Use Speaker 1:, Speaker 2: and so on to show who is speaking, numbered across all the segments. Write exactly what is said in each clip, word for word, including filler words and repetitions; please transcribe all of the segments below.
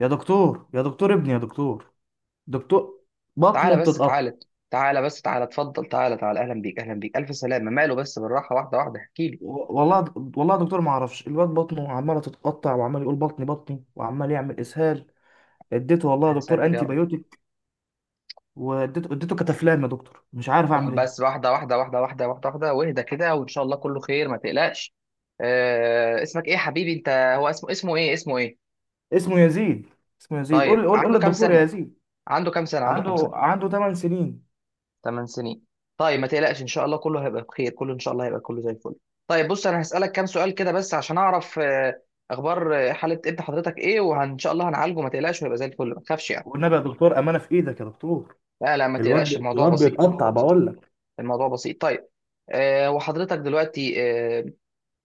Speaker 1: يا دكتور، يا دكتور، ابني يا دكتور. دكتور، بطنه
Speaker 2: تعالى بس
Speaker 1: بتتقطع.
Speaker 2: تعالى تعالى بس تعالى اتفضل، تعالى تعالى، اهلا بيك اهلا بيك، الف سلامه. ماله؟ بس بالراحه، واحده واحده احكي لي.
Speaker 1: و- والله والله يا دكتور، ما اعرفش الواد بطنه عماله تتقطع وعمال يقول بطني بطني وعمال يعمل اسهال. اديته والله يا
Speaker 2: يا
Speaker 1: دكتور
Speaker 2: ساتر يا
Speaker 1: انتي
Speaker 2: رب.
Speaker 1: بايوتيك، واديته اديته كتافلام يا دكتور، مش عارف
Speaker 2: طب
Speaker 1: اعمل ايه.
Speaker 2: بس، واحده واحده واحده واحده واحده واحده، واهدى كده. وان شاء الله كله خير، ما تقلقش. آه، اسمك ايه يا حبيبي؟ انت، هو اسمه اسمه ايه اسمه ايه
Speaker 1: اسمه يزيد. اسمه يزيد، قول
Speaker 2: طيب
Speaker 1: قول قول
Speaker 2: عنده كام
Speaker 1: للدكتور يا
Speaker 2: سنه
Speaker 1: يزيد.
Speaker 2: عنده كام سنه عنده كام
Speaker 1: عنده
Speaker 2: سنه
Speaker 1: عنده 8 سنين.
Speaker 2: 8 سنين. طيب، ما تقلقش، ان شاء الله كله هيبقى بخير، كله ان شاء الله هيبقى كله زي الفل. طيب بص، انا هسالك كام سؤال كده بس عشان اعرف آه اخبار، آه، حاله ابن حضرتك ايه، وان شاء الله هنعالجه، ما تقلقش وهيبقى زي الفل، ما تخافش.
Speaker 1: والنبي يا دكتور، امانه في ايدك يا دكتور.
Speaker 2: لا لا، ما
Speaker 1: الواد
Speaker 2: تقلقش،
Speaker 1: بي-
Speaker 2: الموضوع
Speaker 1: الواد
Speaker 2: بسيط، الموضوع
Speaker 1: بيتقطع
Speaker 2: بسيط،
Speaker 1: بقول لك.
Speaker 2: الموضوع بسيط. طيب. أه وحضرتك دلوقتي، أه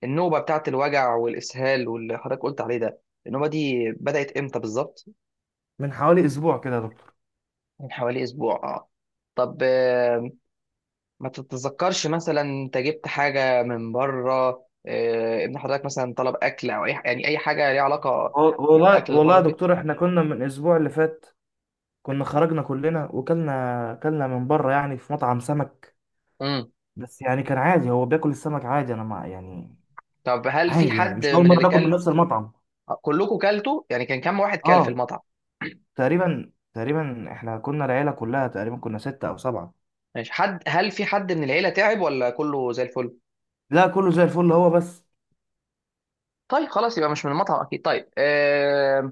Speaker 2: النوبة بتاعت الوجع والإسهال واللي حضرتك قلت عليه ده، النوبة دي بدأت امتى بالظبط؟
Speaker 1: من حوالي اسبوع كده يا دكتور.
Speaker 2: من حوالي أسبوع، اه. طب، آه، ما تتذكرش مثلا انت جبت حاجة من بره؟ آه، ابن حضرتك مثلا طلب أكل أو أي يعني أي حاجة ليها علاقة
Speaker 1: وال- والله
Speaker 2: بالأكل اللي
Speaker 1: والله
Speaker 2: بره
Speaker 1: يا
Speaker 2: البيت؟
Speaker 1: دكتور، احنا كنا من الاسبوع اللي فات كنا خرجنا كلنا وكلنا كلنا من بره، يعني في مطعم سمك،
Speaker 2: امم.
Speaker 1: بس يعني كان عادي، هو بياكل السمك عادي، انا مع يعني
Speaker 2: طب هل في
Speaker 1: عادي، يعني
Speaker 2: حد
Speaker 1: مش اول
Speaker 2: من
Speaker 1: مره
Speaker 2: اللي
Speaker 1: ناكل من
Speaker 2: كل
Speaker 1: نفس المطعم.
Speaker 2: كلكم كلتوا، يعني كان كم واحد كل في
Speaker 1: اه،
Speaker 2: المطعم؟
Speaker 1: تقريبا، تقريبا احنا كنا العيله كلها، تقريبا كنا ستة او سبعة.
Speaker 2: ماشي. حد هل في حد من العيلة تعب ولا كله زي الفل؟
Speaker 1: لا، كله زي الفل، هو بس.
Speaker 2: طيب خلاص، يبقى مش من المطعم اكيد. طيب، أه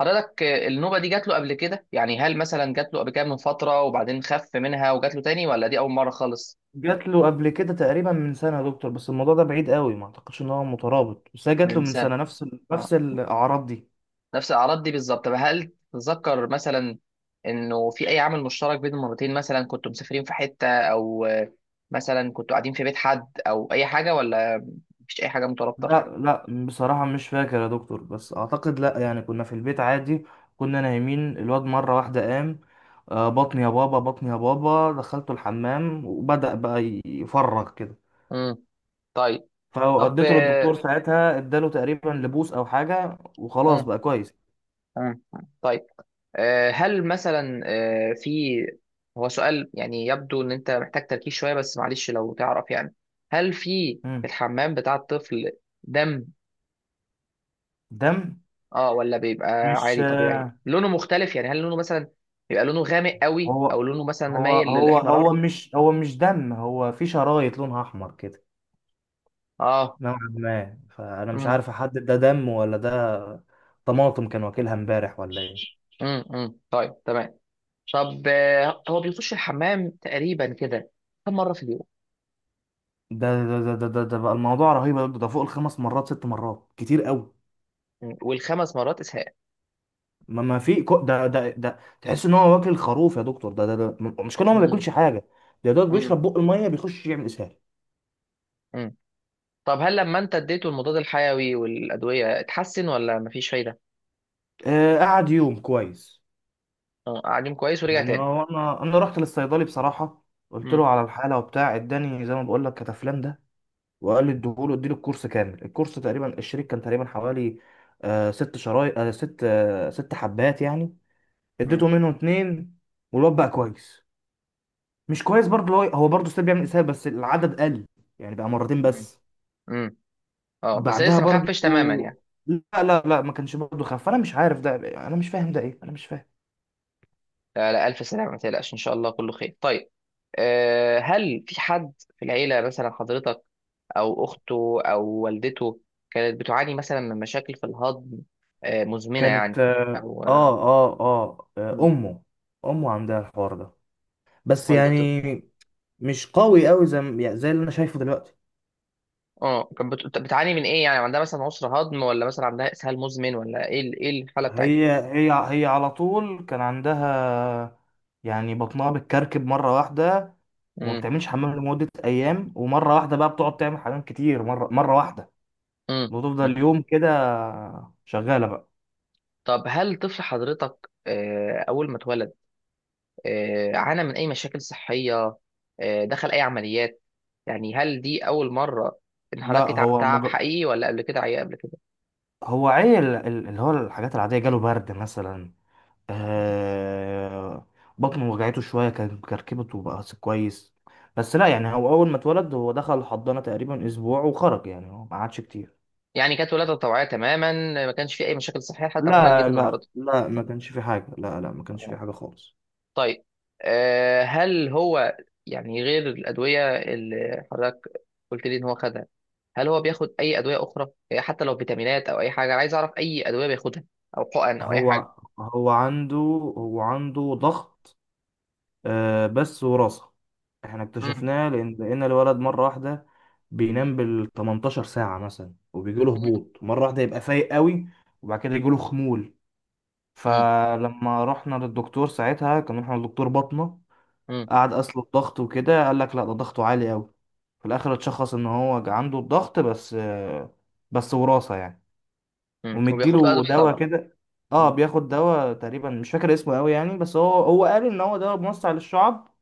Speaker 2: حضرتك، آه، النوبة دي جات له قبل كده؟ يعني هل مثلا جات له قبل كده من فترة وبعدين خف منها وجات له تاني، ولا دي أول مرة خالص؟
Speaker 1: جات له قبل كده تقريبا من سنه يا دكتور، بس الموضوع ده بعيد قوي، ما اعتقدش ان هو مترابط، بس هي جات له
Speaker 2: من
Speaker 1: من سنه
Speaker 2: سنة؟
Speaker 1: نفس ال...
Speaker 2: اه.
Speaker 1: نفس الاعراض دي.
Speaker 2: نفس الأعراض دي بالظبط؟ طب هل تتذكر مثلا إنه في أي عامل مشترك بين المرتين؟ مثلا كنتوا مسافرين في حتة، أو آه، مثلا كنتوا قاعدين في بيت حد أو أي حاجة، ولا مفيش أي حاجة
Speaker 1: لا
Speaker 2: مترابطة؟
Speaker 1: لا، بصراحة مش فاكر يا دكتور، بس أعتقد لا، يعني كنا في البيت عادي. كنا نايمين، الواد مرة واحدة قام: آه، بطني يا بابا، بطني يا بابا. دخلته الحمام وبدأ بقى ي- يفرغ كده.
Speaker 2: امم طيب. طب،
Speaker 1: فوديته للدكتور
Speaker 2: آه،
Speaker 1: ساعتها، اداله تقريبا لبوس أو حاجة وخلاص
Speaker 2: مم.
Speaker 1: بقى كويس.
Speaker 2: مم. طيب، آه، هل مثلا آه، في، هو سؤال يعني، يبدو ان انت محتاج تركيز شويه، بس معلش، لو تعرف يعني. هل في
Speaker 1: مم.
Speaker 2: الحمام بتاع الطفل دم،
Speaker 1: دم.
Speaker 2: اه، ولا بيبقى
Speaker 1: مش
Speaker 2: عادي طبيعي؟ لونه مختلف يعني، هل لونه مثلا بيبقى لونه غامق قوي،
Speaker 1: هو
Speaker 2: او لونه مثلا
Speaker 1: هو
Speaker 2: مايل
Speaker 1: هو
Speaker 2: للاحمرار؟
Speaker 1: هو مش هو مش دم، هو في شرايط لونها أحمر كده
Speaker 2: اه.
Speaker 1: نوعا ما، فانا مش
Speaker 2: امم.
Speaker 1: عارف احدد ده دم ولا ده طماطم كان واكلها امبارح ولا ايه.
Speaker 2: امم. امم. طيب تمام. طب، آه، هو بيخش الحمام تقريبا كده كم مره في اليوم؟
Speaker 1: ده ده ده ده ده, ده بقى الموضوع رهيب يا دكتور، ده فوق الخمس مرات ست مرات كتير قوي.
Speaker 2: مم. والخمس مرات اسهال؟
Speaker 1: ما ما في كو... ده ده ده تحس ان هو واكل خروف يا دكتور، ده ده, ده م- مش كان، هو ما
Speaker 2: امم.
Speaker 1: بياكلش حاجه، ده دوت بيشرب بق الميه بيخش يعمل اسهال.
Speaker 2: امم. طب هل لما انت اديته المضاد الحيوي والادويه اتحسن، ولا مفيش فايده؟
Speaker 1: آه، قعد يوم كويس.
Speaker 2: اه، قاعدين كويس ورجع
Speaker 1: يعني
Speaker 2: تاني؟
Speaker 1: هو، انا انا رحت للصيدلي بصراحه، قلت له
Speaker 2: امم.
Speaker 1: على الحاله وبتاع، اداني زي ما بقول لك كتافلان ده، وقال لي اديهوله، اديله الكورس كامل. الكورس تقريبا الشريك كان تقريبا حوالي آه ست شرايط، آه ست، آه ست حبات يعني.
Speaker 2: امم.
Speaker 1: اديته منهم اتنين والواد بقى كويس. مش كويس برضه، هو هو برضه ستيل بيعمل اسهال، بس العدد قل، يعني بقى مرتين
Speaker 2: امم.
Speaker 1: بس.
Speaker 2: امم. اه، بس
Speaker 1: بعدها
Speaker 2: لسه ما
Speaker 1: برضه
Speaker 2: خفش تماما يعني.
Speaker 1: لا لا لا، ما كانش برضه خف، انا مش عارف ده، انا مش فاهم ده ايه، انا مش فاهم.
Speaker 2: لا لا، الف سلامه، ما تقلقش، ان شاء الله كله خير. طيب، أه هل في حد في العيله مثلا، حضرتك او اخته او والدته، كانت بتعاني مثلا من مشاكل في الهضم، آه، مزمنه يعني؟
Speaker 1: كانت اه
Speaker 2: او آه،
Speaker 1: اه اه, آه
Speaker 2: مم.
Speaker 1: امه. امه عندها الحوار ده، بس
Speaker 2: والدته؟
Speaker 1: يعني مش قوي قوي زي ما- يعني زي اللي انا شايفه دلوقتي.
Speaker 2: اه، كانت بت- بتعاني من ايه يعني؟ عندها مثلا عسر هضم، ولا مثلا عندها اسهال مزمن، ولا ايه ال- ايه الحاله بتاعتها؟
Speaker 1: هي هي هي على طول كان عندها، يعني بطنها بتكركب مرة واحدة وما بتعملش حمام لمدة أيام، ومرة واحدة بقى بتقعد تعمل حمام كتير، مرة مرة واحدة
Speaker 2: مم.
Speaker 1: وتفضل
Speaker 2: مم.
Speaker 1: يوم كده شغالة بقى.
Speaker 2: طب هل طفل حضرتك، آه، أول ما اتولد، آه، عانى من أي مشاكل صحية؟ آه، دخل أي عمليات؟ يعني هل دي أول مرة إن
Speaker 1: لا،
Speaker 2: حضرتك، تعب
Speaker 1: هو
Speaker 2: تعب
Speaker 1: مجر...
Speaker 2: حقيقي، ولا قبل كده عيا قبل كده؟
Speaker 1: هو عيل، ال- اللي هو الحاجات العادية جاله برد مثلا، آه... بطنه وجعته شوية كان كركبت وبقى كويس. بس لا، يعني هو أول ما اتولد هو دخل الحضانة تقريبا أسبوع وخرج، يعني هو ما قعدش كتير.
Speaker 2: يعني كانت ولادة طوعية تماما، ما كانش في أي مشاكل صحية لحد ما حضرتك جيت
Speaker 1: لا لا
Speaker 2: النهاردة؟
Speaker 1: لا، ما كانش في حاجة، لا لا، ما كانش
Speaker 2: تمام.
Speaker 1: في حاجة خالص.
Speaker 2: طيب، آه، هل هو، يعني غير الأدوية اللي حضرتك قلت لي إن هو خدها، هل هو بياخد أي أدوية أخرى، آه، حتى لو فيتامينات أو أي حاجة؟ أنا عايز أعرف أي أدوية بياخدها، أو حقن أو أي حاجة.
Speaker 1: هو هو عنده، هو عنده ضغط، آه بس وراثة. احنا اكتشفناه لأن لأن الولد مرة واحدة بينام بال 18 ساعة مثلا وبيجيله
Speaker 2: مم.
Speaker 1: هبوط مرة واحدة يبقى فايق قوي، وبعد كده يجيله خمول.
Speaker 2: مم.
Speaker 1: فلما رحنا للدكتور ساعتها، كان رحنا للدكتور بطنه،
Speaker 2: مم.
Speaker 1: قعد قاس له الضغط وكده، قال لك لا ده ضغطه عالي قوي. في الآخر اتشخص إن هو عنده الضغط، بس آه، بس وراثة يعني.
Speaker 2: مم. وبياخد له
Speaker 1: ومديله
Speaker 2: ادويه
Speaker 1: دواء
Speaker 2: طبعا.
Speaker 1: كده. اه،
Speaker 2: مم.
Speaker 1: بياخد دواء، تقريبا مش فاكر اسمه قوي يعني، بس هو هو قال ان هو دواء موسع للشعب،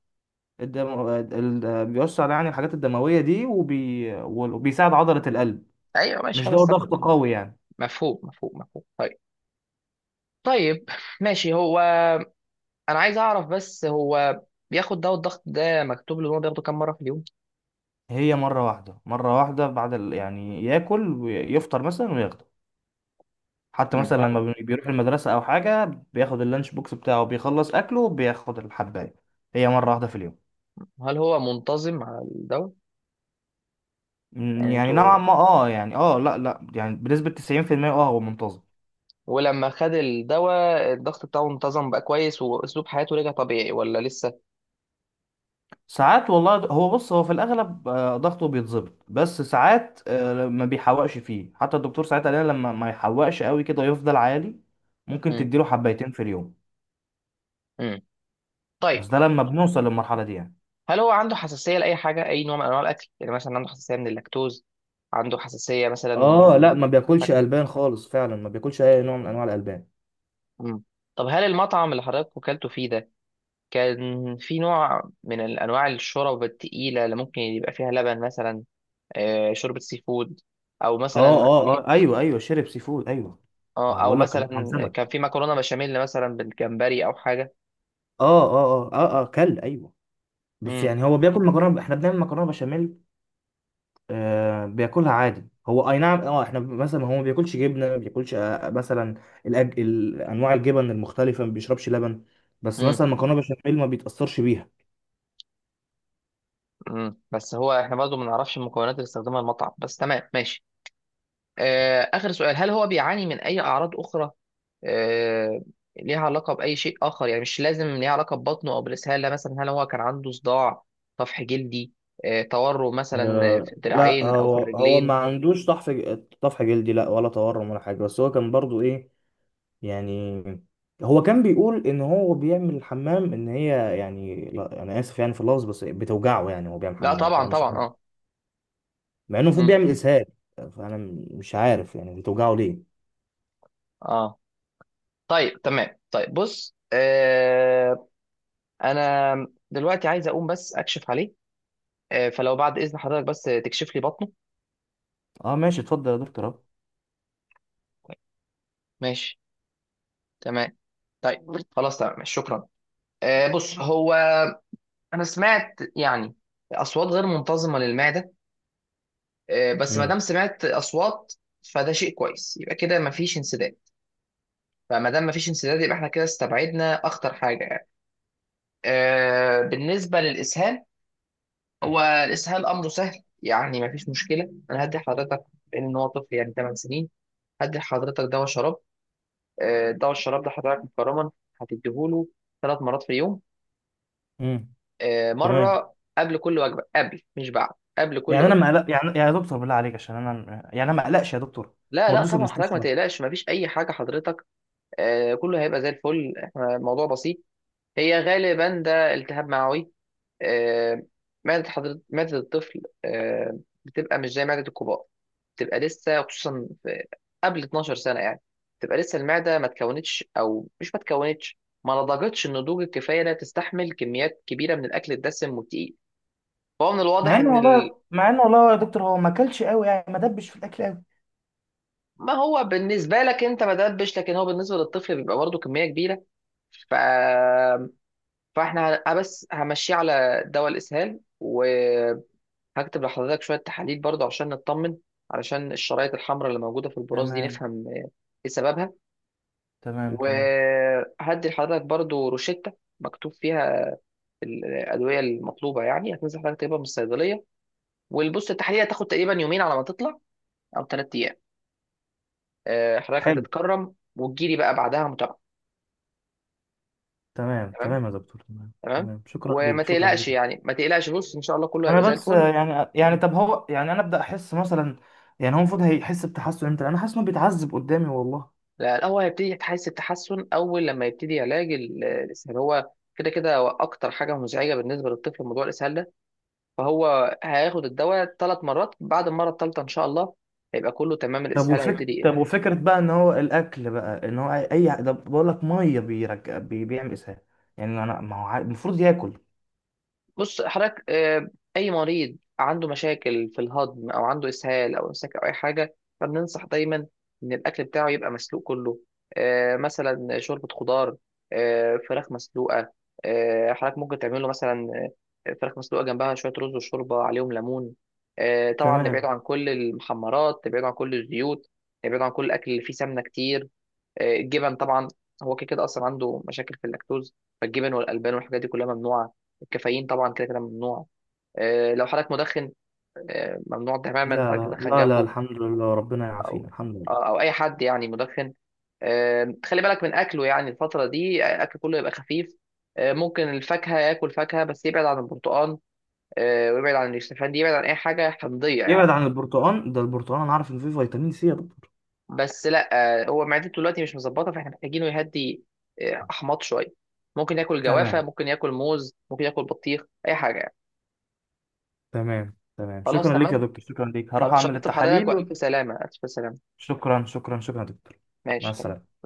Speaker 1: الدم... ال... بيوسع يعني الحاجات الدمويه دي، وبي... وبيساعد عضله القلب.
Speaker 2: ايوه ماشي،
Speaker 1: مش دواء
Speaker 2: خلاص
Speaker 1: ضغط
Speaker 2: تمام.
Speaker 1: قوي يعني.
Speaker 2: مفهوم مفهوم مفهوم. طيب. طيب ماشي. هو انا عايز اعرف بس، هو بياخد دواء الضغط ده مكتوب له ان هو بياخده كام مره في اليوم؟
Speaker 1: هي مره واحده، مره واحده بعد ال... يعني ياكل ويفطر مثلا وياخده. حتى
Speaker 2: مم.
Speaker 1: مثلا لما بي- بيروح المدرسه او حاجه، بياخد اللانش بوكس بتاعه، بيخلص اكله بياخد الحبايه. هي مره واحده في اليوم.
Speaker 2: هل هو منتظم على الدواء؟
Speaker 1: م،
Speaker 2: يعني
Speaker 1: يعني
Speaker 2: انتوا
Speaker 1: نوعا ما اه، يعني اه، لا لا، يعني بنسبه تسعين في المية اه، هو منتظم.
Speaker 2: ولما خد الدواء، الضغط بتاعه انتظم بقى كويس، واسلوب حياته رجع طبيعي، ولا لسه؟
Speaker 1: ساعات والله د- هو بص، هو في الاغلب آه، ضغطه بيتظبط، بس ساعات آه، ما بيحوقش فيه، حتى الدكتور ساعات قال لنا لما ما يحوقش قوي كده يفضل عالي، ممكن
Speaker 2: مم.
Speaker 1: تديله حبايتين في اليوم،
Speaker 2: مم.
Speaker 1: بس
Speaker 2: طيب،
Speaker 1: ده لما بنوصل للمرحله دي يعني.
Speaker 2: هل هو عنده حساسيه لاي حاجه، اي نوع من انواع الاكل؟ يعني مثلا عنده حساسيه من اللاكتوز، عنده حساسيه مثلا من
Speaker 1: اه لا، ما بياكلش
Speaker 2: الفاكهه؟
Speaker 1: البان خالص، فعلا ما بياكلش اي نوع من انواع الالبان.
Speaker 2: مم. طب هل المطعم اللي حضرتك وكلته فيه ده، كان في نوع من الأنواع الشرب التقيلة اللي ممكن يبقى فيها لبن مثلا؟ آه، شوربة سي فود، أو
Speaker 1: اه
Speaker 2: مثلا
Speaker 1: اه
Speaker 2: أي
Speaker 1: اه ايوه ايوه، شرب سي فود ايوه. ما
Speaker 2: آه،
Speaker 1: هو
Speaker 2: أو
Speaker 1: بقول لك كان
Speaker 2: مثلا
Speaker 1: مطعم
Speaker 2: كان
Speaker 1: سمك.
Speaker 2: في مكرونة بشاميل مثلا بالجمبري أو حاجة؟
Speaker 1: اه اه اه اه اه، كل ايوه. بس
Speaker 2: مم.
Speaker 1: يعني هو بياكل مكرونه، احنا بنعمل مكرونه بشاميل، آه، بياكلها عادي هو، اي نعم، اه احنا مثلا، هو ما بياكلش جبنه، ما بياكلش آه، آه مثلا الأج... ال- انواع الجبن المختلفه، ما بيشربش لبن، بس
Speaker 2: مم.
Speaker 1: مثلا مكرونه بشاميل ما بيتاثرش بيها.
Speaker 2: مم. بس هو، إحنا برضو ما نعرفش المكونات اللي استخدمها المطعم، بس تمام ماشي. آه، آخر سؤال، هل هو بيعاني من أي أعراض أخرى آه، ليها علاقة بأي شيء آخر؟ يعني مش لازم ليها علاقة ببطنه أو بالإسهال، لا، مثلا هل هو كان عنده صداع، طفح جلدي، آه، تورم مثلا في
Speaker 1: آه لا،
Speaker 2: الدراعين أو في
Speaker 1: هو هو ما
Speaker 2: الرجلين؟
Speaker 1: عندوش طحف، طفح جلدي لا، ولا تورم ولا حاجه. بس هو كان برضو ايه يعني، هو كان بيقول ان هو بيعمل الحمام ان هي يعني، لا انا اسف يعني في اللفظ، بس بتوجعه يعني، هو بيعمل
Speaker 2: لا
Speaker 1: حمام
Speaker 2: طبعا
Speaker 1: فانا مش
Speaker 2: طبعا،
Speaker 1: عارف،
Speaker 2: اه.
Speaker 1: مع انه المفروض
Speaker 2: مم.
Speaker 1: بيعمل اسهال، فانا م- مش عارف يعني بتوجعه ليه.
Speaker 2: اه. طيب تمام. طيب بص، آه، أنا دلوقتي عايز أقوم بس أكشف عليه، آه، فلو بعد إذن حضرتك بس تكشف لي بطنه.
Speaker 1: اه ماشي، اتفضل يا دكتور اهو.
Speaker 2: ماشي تمام. طيب خلاص، تمام، شكرا. آه، بص هو، أنا سمعت يعني أصوات غير منتظمة للمعدة، آه، بس ما دام
Speaker 1: امم
Speaker 2: سمعت اصوات، فده شيء كويس، يبقى كده ما فيش انسداد. فما دام ما فيش انسداد، يبقى احنا كده استبعدنا اخطر حاجه يعني. آه، بالنسبه للاسهال، هو الاسهال امره سهل يعني، ما فيش مشكله. انا هدي حضرتك، بان هو طفل يعني 8 سنين، هدي لحضرتك دواء شراب. آه، دواء الشراب ده حضرتك مكرما هتديهوله تلات مرات في اليوم،
Speaker 1: امم،
Speaker 2: آه،
Speaker 1: تمام.
Speaker 2: مره قبل كل وجبه، قبل مش بعد. قبل كل
Speaker 1: يعني انا ما
Speaker 2: وجبه.
Speaker 1: قلق، يعني يعني يا دكتور بالله عليك، عشان انا يعني انا ما اقلقش يا دكتور،
Speaker 2: لا
Speaker 1: ما
Speaker 2: لا
Speaker 1: ودوش
Speaker 2: طبعا، حضرتك ما
Speaker 1: المستشفى.
Speaker 2: تقلقش، ما فيش اي حاجه، حضرتك، آه، كله هيبقى زي الفل، احنا الموضوع بسيط. هي غالبا ده التهاب معوي، آه، معدة حضرتك، معدة الطفل، آه، بتبقى مش زي معدة الكبار، بتبقى لسه، خصوصا في قبل 12 سنة يعني، بتبقى لسه المعدة ما تكونتش، أو مش ما تكونتش، ما نضجتش النضوج الكفاية لا تستحمل كميات كبيرة من الأكل الدسم والتقيل. فهو من
Speaker 1: مع
Speaker 2: الواضح
Speaker 1: انه
Speaker 2: إن ال...
Speaker 1: والله، مع انه والله يا دكتور، هو ما اكلش قوي يعني، ما دبش في الاكل قوي.
Speaker 2: ما هو بالنسبة لك أنت ما دبش، لكن هو بالنسبة للطفل بيبقى برضه كمية كبيرة. ف... فإحنا ه- بس همشيه على دواء الإسهال، و هكتب لحضرتك شوية تحاليل برضه عشان نطمن، علشان الشرايط الحمراء اللي موجودة في البراز دي
Speaker 1: تمام.
Speaker 2: نفهم آه، ايه سببها.
Speaker 1: تمام تمام.
Speaker 2: وهدي لحضرتك برضه روشتة مكتوب فيها ال- الأدوية المطلوبة، يعني هتنزل حضرتك تجيبها من الصيدلية. والبص، التحاليل هتاخد تقريبا يومين على ما تطلع، أو تلات أيام. آه، حضرتك
Speaker 1: حلو.
Speaker 2: هتتكرم وتجيلي بقى بعدها متابعة.
Speaker 1: تمام
Speaker 2: تمام
Speaker 1: تمام يا دكتور، تمام
Speaker 2: تمام.
Speaker 1: تمام، شكرا
Speaker 2: وما
Speaker 1: ليك شكرا ليك.
Speaker 2: تقلقش يعني، ما تقلقش، بص إن شاء الله كله هيبقى
Speaker 1: انا
Speaker 2: زي
Speaker 1: بس
Speaker 2: الفل.
Speaker 1: يعني، يعني طب هو يعني، انا ابدا احس مثلا، يعني هو المفروض هيحس بتحسن امتى، انا حاسس انه بيتعذب قدامي والله.
Speaker 2: لا، الأول هيبتدي تحس التحسن أول لما يبتدي علاج ال- الإسهال. هو كده كده هو أكتر حاجة مزعجة بالنسبة للطفل موضوع الإسهال ده. فهو هياخد الدواء تلات مرات، بعد المرة الثالثة إن شاء الله هيبقى كله تمام،
Speaker 1: طب
Speaker 2: الإسهال
Speaker 1: وفك...
Speaker 2: هيبتدي...
Speaker 1: طب وفكرة بقى ان هو الاكل، بقى ان هو اي أي- ده بقول لك ميه بيرجع بي... بيعمل اسهال، يعني انا ما هو عا- المفروض ياكل.
Speaker 2: بص حضرتك، آه، اي مريض عنده مشاكل في الهضم او عنده اسهال او امساك او اي حاجه، فبننصح دايما ان الاكل بتاعه يبقى مسلوق كله. آه، مثلا شوربه خضار، آه، فراخ مسلوقه. آه، حضرتك ممكن تعمل له مثلا آه، فراخ مسلوقه جنبها شويه رز وشوربه عليهم ليمون. آه، طبعا نبعد
Speaker 1: تمام.
Speaker 2: عن كل المحمرات، نبعد عن كل الزيوت، نبعد عن كل الاكل اللي فيه سمنه كتير. آه، الجبن طبعا، هو كده كده اصلا عنده مشاكل في اللاكتوز، فالجبن والالبان والحاجات دي كلها ممنوعه. الكافيين طبعا كده كده ممنوع. آه، لو حضرتك مدخن، آه، ممنوع تماما
Speaker 1: لا
Speaker 2: حضرتك
Speaker 1: لا
Speaker 2: تدخن
Speaker 1: لا لا،
Speaker 2: جنبه،
Speaker 1: الحمد لله، ربنا يعافينا،
Speaker 2: او
Speaker 1: الحمد لله.
Speaker 2: او اي حد يعني مدخن. آه، خلي بالك من اكله يعني، الفتره دي الاكل كله يبقى خفيف. آه، ممكن الفاكهه، ياكل فاكهه بس يبعد عن البرتقال، آه، ويبعد عن الشوفان دي، يبعد عن اي حاجه حمضيه يعني.
Speaker 1: يبعد عن البرتقال ده، البرتقال انا عارف ان فيه فيتامين سي يا دكتور.
Speaker 2: بس لا، آه، هو معدته دلوقتي مش مظبطه، فاحنا محتاجينه يهدي آه، احماض شويه. ممكن ياكل جوافه،
Speaker 1: تمام
Speaker 2: ممكن ياكل موز، ممكن ياكل بطيخ، اي حاجه يعني.
Speaker 1: تمام تمام،
Speaker 2: خلاص
Speaker 1: شكرا ليك يا
Speaker 2: تمام.
Speaker 1: دكتور، شكرا ليك، هروح
Speaker 2: خلاص،
Speaker 1: اعمل
Speaker 2: شرطت بحضرتك،
Speaker 1: التحاليل.
Speaker 2: والف سلامه، الف سلامه.
Speaker 1: شكرا شكرا شكرا يا دكتور. مع
Speaker 2: ماشي تمام.
Speaker 1: السلامة.